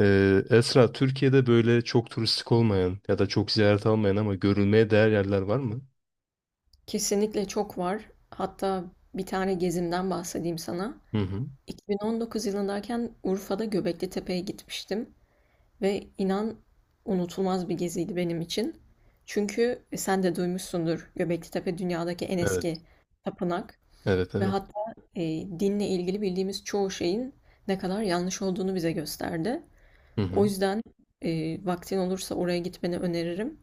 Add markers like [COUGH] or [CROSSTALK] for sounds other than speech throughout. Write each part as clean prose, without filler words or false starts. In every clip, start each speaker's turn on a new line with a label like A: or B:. A: Esra, Türkiye'de böyle çok turistik olmayan ya da çok ziyaret almayan ama görülmeye değer yerler var mı?
B: Kesinlikle çok var. Hatta bir tane gezimden bahsedeyim sana.
A: Hı hı.
B: 2019 yılındayken Urfa'da Göbekli Tepe'ye gitmiştim ve inan unutulmaz bir geziydi benim için. Çünkü sen de duymuşsundur, Göbekli Tepe dünyadaki en
A: Evet,
B: eski tapınak
A: evet,
B: ve
A: evet.
B: hatta e, dinle ilgili bildiğimiz çoğu şeyin ne kadar yanlış olduğunu bize gösterdi.
A: Hı
B: O
A: hı.
B: yüzden vaktin olursa oraya gitmeni öneririm.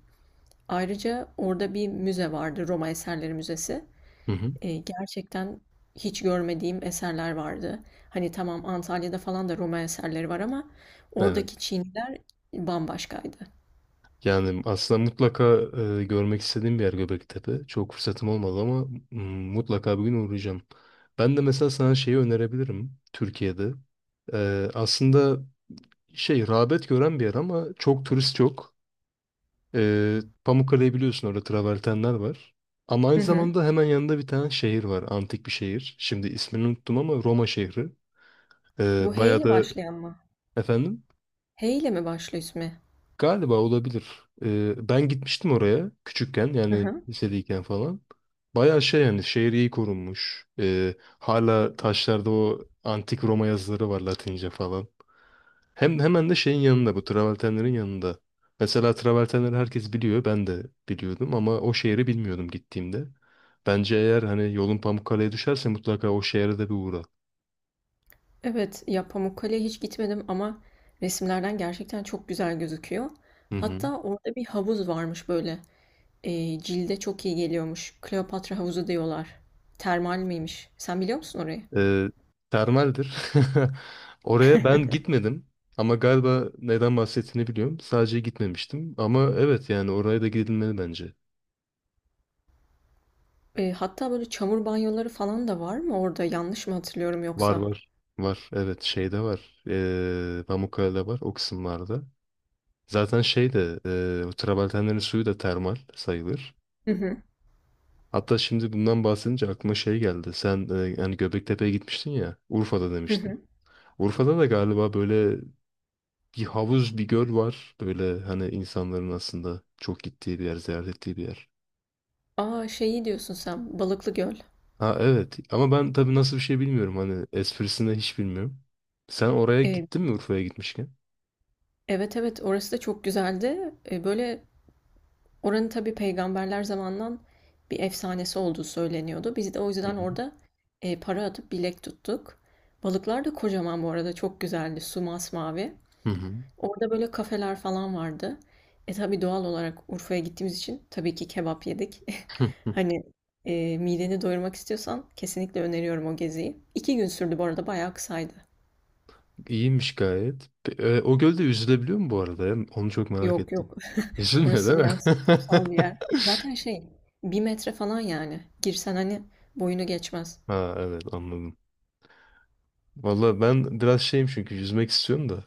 B: Ayrıca orada bir müze vardı, Roma Eserleri Müzesi.
A: Hı hı.
B: Gerçekten hiç görmediğim eserler vardı. Hani tamam, Antalya'da falan da Roma eserleri var ama
A: Evet.
B: oradaki Çiniler bambaşkaydı.
A: Yani aslında mutlaka görmek istediğim bir yer Göbektepe. Çok fırsatım olmadı ama mm, mutlaka bir gün uğrayacağım. Ben de mesela sana şeyi önerebilirim Türkiye'de. Aslında şey rağbet gören bir yer ama çok turist yok. Ee, Pamukkale'yi biliyorsun, orada travertenler var. Ama
B: Hı
A: aynı
B: hı.
A: zamanda hemen yanında bir tane şehir var. Antik bir şehir. Şimdi ismini unuttum ama Roma şehri.
B: Bu H
A: Bayağı
B: ile
A: da
B: başlayan mı?
A: efendim
B: H ile mi başlıyor ismi?
A: galiba olabilir. Ben gitmiştim oraya küçükken
B: Hı
A: yani
B: hı.
A: lisedeyken falan. Bayağı şey yani şehir iyi korunmuş. Hala taşlarda o antik Roma yazıları var, Latince falan. Hemen de şeyin yanında, bu travertenlerin yanında. Mesela travertenleri herkes biliyor. Ben de biliyordum ama o şehri bilmiyordum gittiğimde. Bence eğer hani yolun Pamukkale'ye düşerse mutlaka o şehre de bir uğra.
B: Evet, ya Pamukkale'ye hiç gitmedim ama resimlerden gerçekten çok güzel gözüküyor.
A: Hı hı.
B: Hatta orada bir havuz varmış böyle. Cilde çok iyi geliyormuş. Kleopatra havuzu diyorlar. Termal miymiş? Sen biliyor musun orayı?
A: Ee, Termaldir. [LAUGHS] Oraya ben gitmedim. Ama galiba neden bahsettiğini biliyorum. Sadece gitmemiştim. Ama evet yani oraya da gidilmeli bence.
B: Hatta böyle çamur banyoları falan da var mı orada? Yanlış mı hatırlıyorum
A: Var
B: yoksa?
A: var. Var. Evet, şeyde var. Pamukkale'de var. O kısımlarda. Zaten şey de travertenlerin suyu da termal sayılır.
B: Hı hı.
A: Hatta şimdi bundan bahsedince aklıma şey geldi. Sen hani Göbektepe'ye gitmiştin ya. Urfa'da
B: Hı
A: demiştin.
B: hı.
A: Urfa'da da galiba böyle bir havuz, bir göl var. Böyle hani insanların aslında çok gittiği bir yer, ziyaret ettiği bir yer.
B: A, şeyi diyorsun sen, Balıklıgöl.
A: Ha evet, ama ben tabii nasıl bir şey bilmiyorum. Hani esprisini hiç bilmiyorum. Sen oraya
B: Eee,
A: gittin mi Urfa'ya gitmişken?
B: evet, evet, orası da çok güzeldi. Böyle oranın tabii peygamberler zamandan bir efsanesi olduğu söyleniyordu. Biz de o
A: Hı
B: yüzden
A: hı.
B: orada para atıp bilek tuttuk. Balıklar da kocaman, bu arada çok güzeldi. Su masmavi.
A: Hı hı.
B: Orada böyle kafeler falan vardı. E tabii doğal olarak Urfa'ya gittiğimiz için tabii ki kebap yedik. [LAUGHS]
A: [LAUGHS]
B: Hani mideni doyurmak istiyorsan kesinlikle öneriyorum o geziyi. 2 gün sürdü bu arada, bayağı kısaydı.
A: İyiymiş gayet. O gölde yüzülebiliyor mu bu arada, ya? Onu çok merak
B: Yok
A: ettim.
B: yok,
A: [LAUGHS]
B: [LAUGHS]
A: Yüzülmüyor değil
B: orası
A: mi?
B: biraz kutsal bir yer.
A: [LAUGHS]
B: Zaten şey, bir metre falan yani. Girsen hani boyunu geçmez.
A: Ha evet, anladım. Valla ben biraz şeyim çünkü yüzmek istiyorum da.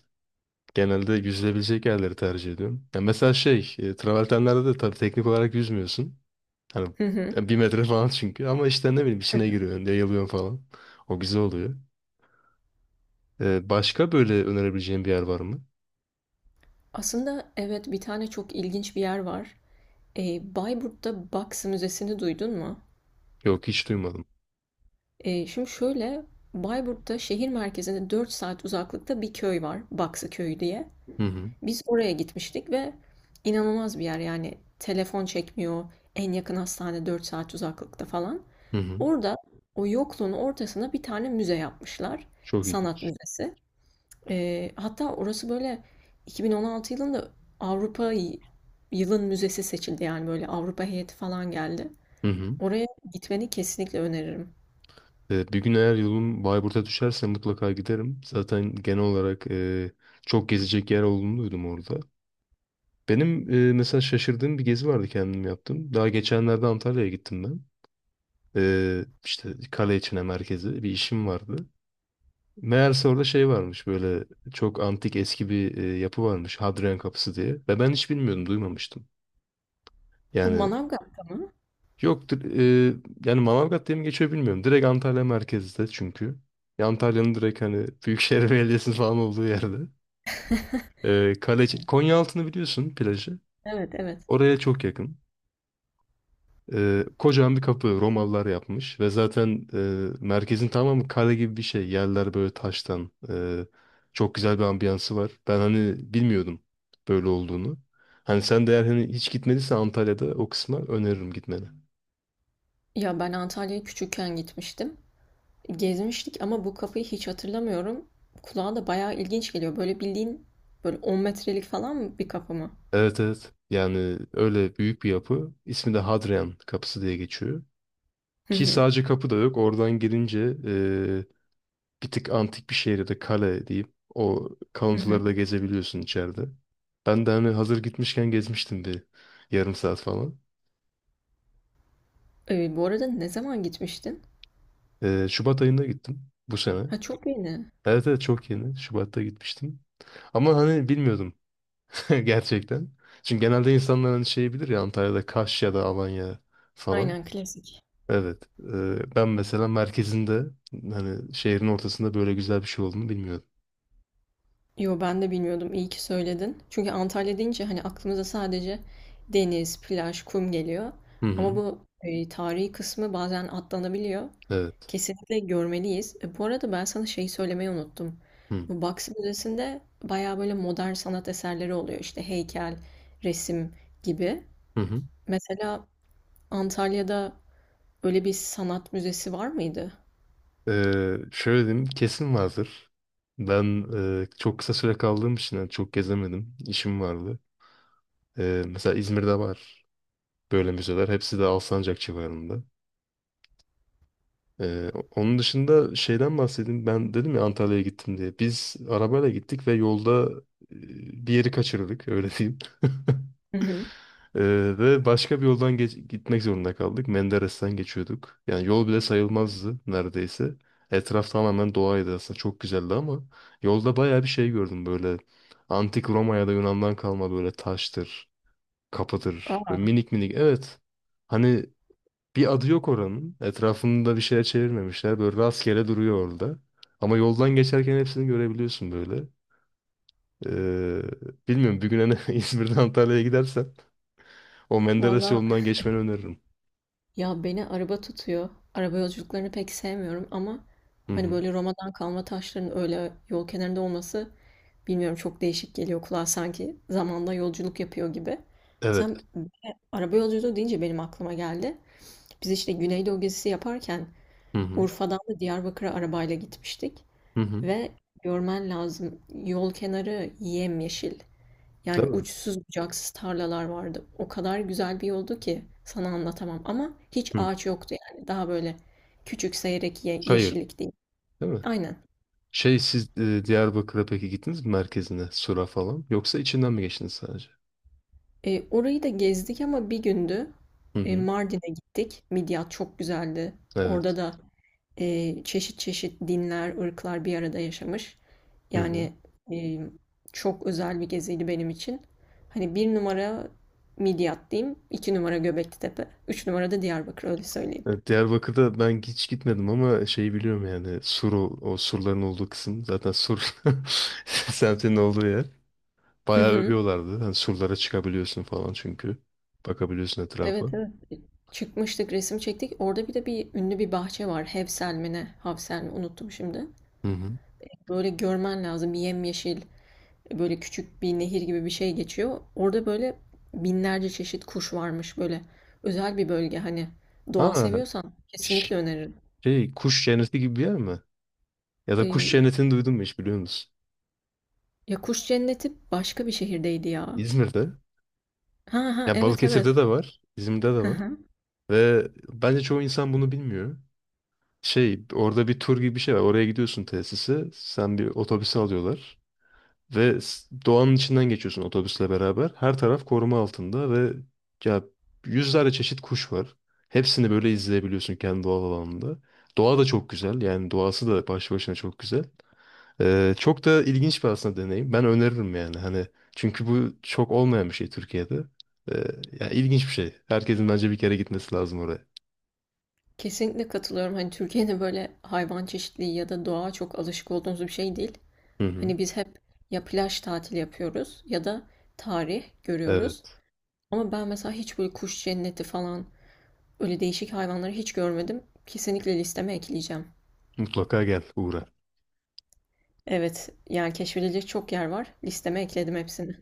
A: Genelde yüzülebilecek yerleri tercih ediyorum. Ya mesela şey, travertenlerde de tabii teknik olarak yüzmüyorsun. Hani
B: Hı hı.
A: bir metre falan çünkü. Ama işte ne bileyim, içine giriyorsun, yayılıyorsun falan. O güzel oluyor. E, başka böyle önerebileceğin bir yer var mı?
B: Aslında evet, bir tane çok ilginç bir yer var. E, Bayburt'ta Baksı Müzesi'ni duydun mu?
A: Yok, hiç duymadım.
B: Şimdi şöyle, Bayburt'ta şehir merkezine 4 saat uzaklıkta bir köy var, Baksı Köyü diye.
A: Hı hı.
B: Biz oraya gitmiştik ve inanılmaz bir yer yani, telefon çekmiyor, en yakın hastane 4 saat uzaklıkta falan.
A: Hı hı.
B: Orada o yokluğun ortasına bir tane müze yapmışlar,
A: Çok
B: sanat
A: ilginç.
B: müzesi. Hatta orası böyle 2016 yılında Avrupa yılın müzesi seçildi, yani böyle Avrupa heyeti falan geldi.
A: Hı hı.
B: Oraya gitmeni kesinlikle öneririm.
A: Bir gün eğer yolum Bayburt'a düşerse mutlaka giderim. Zaten genel olarak çok gezecek yer olduğunu duydum orada. Benim mesela şaşırdığım bir gezi vardı, kendim yaptım. Daha geçenlerde Antalya'ya gittim ben. İşte kale merkezi bir işim vardı. Meğerse orada şey varmış, böyle çok antik eski bir yapı varmış, Hadrian Kapısı diye. Ve ben hiç bilmiyordum, duymamıştım.
B: Bu
A: Yani
B: Manavgat'ta mı?
A: Yok dir- e, yani Manavgat diye mi geçiyor bilmiyorum. Direkt Antalya merkezde çünkü. Ya Antalya'nın direkt hani Büyükşehir [LAUGHS] Belediyesi'nin falan olduğu yerde. E, Kaleci, Konyaaltı'nı biliyorsun, plajı.
B: Evet, evet.
A: Oraya çok yakın. E, kocaman bir kapı, Romalılar yapmış ve zaten merkezin tamamı kale gibi bir şey. Yerler böyle taştan. Çok güzel bir ambiyansı var. Ben hani bilmiyordum böyle olduğunu. Hani sen de eğer hani hiç gitmediysen Antalya'da o kısma öneririm gitmeni.
B: Ya ben Antalya'ya küçükken gitmiştim. Gezmiştik ama bu kapıyı hiç hatırlamıyorum. Kulağa da bayağı ilginç geliyor. Böyle bildiğin böyle 10 metrelik falan mı bir kapı mı?
A: Evet evet. Yani öyle büyük bir yapı. İsmi de Hadrian Kapısı diye geçiyor.
B: Hı
A: Ki
B: hı.
A: sadece kapı da yok. Oradan girince bir tık antik bir şehirde de kale diyeyim. O
B: Hı hı.
A: kalıntıları da gezebiliyorsun içeride. Ben de hani hazır gitmişken gezmiştim bir yarım saat falan.
B: Bu arada ne zaman gitmiştin?
A: Şubat ayında gittim bu sene.
B: Ha, çok yeni.
A: Evet evet, çok yeni. Şubat'ta gitmiştim. Ama hani bilmiyordum [LAUGHS] gerçekten. Çünkü genelde insanlar hani şey bilir ya, Antalya'da Kaş ya da Alanya falan.
B: Aynen, klasik.
A: Evet. Ben mesela merkezinde hani şehrin ortasında böyle güzel bir şey olduğunu bilmiyordum.
B: Yo, ben de bilmiyordum. İyi ki söyledin. Çünkü Antalya deyince hani aklımıza sadece deniz, plaj, kum geliyor.
A: Hı
B: Ama
A: hı.
B: bu tarihi kısmı bazen atlanabiliyor.
A: Evet.
B: Kesinlikle görmeliyiz. E, bu arada ben sana şeyi söylemeyi unuttum.
A: Hı
B: Bu Baksı Müzesi'nde bayağı böyle modern sanat eserleri oluyor. İşte heykel, resim gibi.
A: hı. Hı.
B: Mesela Antalya'da öyle bir sanat müzesi var mıydı?
A: Şöyle diyeyim, kesin vardır. Ben çok kısa süre kaldığım için yani çok gezemedim. İşim vardı. Mesela İzmir'de var böyle müzeler. Hepsi de Alsancak civarında. Onun dışında şeyden bahsedeyim. Ben dedim ya Antalya'ya gittim diye. Biz arabayla gittik ve yolda e, bir yeri kaçırdık öyle diyeyim.
B: Hı hı.
A: Ee, Ve başka bir yoldan gitmek zorunda kaldık. Menderes'ten geçiyorduk. Yani yol bile sayılmazdı neredeyse. Etraf tamamen doğaydı aslında. Çok güzeldi ama yolda bayağı bir şey gördüm böyle. Antik Roma ya da Yunan'dan kalma böyle taştır, kapıdır. Böyle
B: Aa,
A: minik minik, evet. Hani bir adı yok oranın. Etrafında bir şeye çevirmemişler. Böyle rastgele duruyor orada. Ama yoldan geçerken hepsini görebiliyorsun böyle. Ee, Bilmiyorum, bir gün hani [LAUGHS] İzmir'den Antalya'ya gidersen o Menderes
B: valla.
A: yolundan geçmeni öneririm.
B: Ya beni araba tutuyor. Araba yolculuklarını pek sevmiyorum ama
A: Hı
B: hani
A: hı.
B: böyle Roma'dan kalma taşların öyle yol kenarında olması, bilmiyorum, çok değişik geliyor kulağa, sanki zamanda yolculuk yapıyor gibi. Sen
A: Evet.
B: araba yolculuğu deyince benim aklıma geldi. Biz işte Güneydoğu gezisi yaparken
A: Hı hı.
B: Urfa'dan da Diyarbakır'a arabayla gitmiştik
A: Hı hı.
B: ve görmen lazım, yol kenarı yemyeşil.
A: Değil
B: Yani
A: mi?
B: uçsuz bucaksız tarlalar vardı. O kadar güzel bir yoldu ki sana anlatamam. Ama hiç
A: Hı.
B: ağaç yoktu yani. Daha böyle küçük seyrek ye
A: Çayır.
B: yeşillik değil.
A: Değil mi?
B: Aynen.
A: Şey, siz Diyarbakır'a peki gittiniz mi, merkezine? Sura falan. Yoksa içinden mi geçtiniz sadece?
B: E, orayı da gezdik ama bir gündü.
A: Hı
B: E,
A: hı.
B: Mardin'e gittik. Midyat çok güzeldi. Orada
A: Evet.
B: da çeşit çeşit dinler, ırklar bir arada yaşamış.
A: Hı hı.
B: Yani e, çok özel bir geziydi benim için. Hani bir numara Midyat diyeyim, iki numara Göbekli Tepe, üç numara da Diyarbakır, öyle söyleyeyim.
A: Evet, Diyarbakır'da ben hiç gitmedim ama şeyi biliyorum, yani Suru, o surların olduğu kısım zaten sur [LAUGHS] semtinin olduğu yer.
B: Hı
A: Bayağı
B: hı.
A: övüyorlardı. Hani surlara çıkabiliyorsun falan çünkü. Bakabiliyorsun etrafa.
B: Evet, evet. Çıkmıştık, resim çektik. Orada bir de bir ünlü bir bahçe var. Hevsel mi ne? Havsel mi? Unuttum şimdi.
A: Hı hı.
B: Böyle görmen lazım. Bir yemyeşil, böyle küçük bir nehir gibi bir şey geçiyor. Orada böyle binlerce çeşit kuş varmış böyle. Özel bir bölge hani. Doğa
A: Ha
B: seviyorsan
A: ş-
B: kesinlikle öneririm.
A: Şey, kuş cenneti gibi bir yer mi? Ya da kuş
B: Ee,
A: cennetini duydun mu hiç, biliyor musun?
B: ya kuş cenneti başka bir şehirdeydi ya.
A: İzmir'de.
B: Ha ha,
A: Ya
B: evet, evet.
A: Balıkesir'de de var, İzmir'de de
B: Hı
A: var.
B: hı.
A: Ve bence çoğu insan bunu bilmiyor. Şey, orada bir tur gibi bir şey var. Oraya gidiyorsun, tesise. Sen bir otobüse alıyorlar. Ve doğanın içinden geçiyorsun otobüsle beraber. Her taraf koruma altında ve ya, yüzlerce çeşit kuş var. Hepsini böyle izleyebiliyorsun kendi doğal alanında. Doğa da çok güzel. Yani doğası da başlı başına çok güzel. Çok da ilginç bir aslında deneyim. Ben öneririm yani. Hani çünkü bu çok olmayan bir şey Türkiye'de. Ee, Yani ilginç bir şey. Herkesin bence bir kere gitmesi lazım oraya.
B: Kesinlikle katılıyorum. Hani Türkiye'de böyle hayvan çeşitliliği ya da doğa çok alışık olduğumuz bir şey değil.
A: Hı hı.
B: Hani biz hep ya plaj tatili yapıyoruz ya da tarih görüyoruz.
A: Evet.
B: Ama ben mesela hiç böyle kuş cenneti falan öyle değişik hayvanları hiç görmedim. Kesinlikle listeme ekleyeceğim.
A: Mutlaka gel, uğra.
B: Evet, yani keşfedilecek çok yer var. Listeme ekledim hepsini.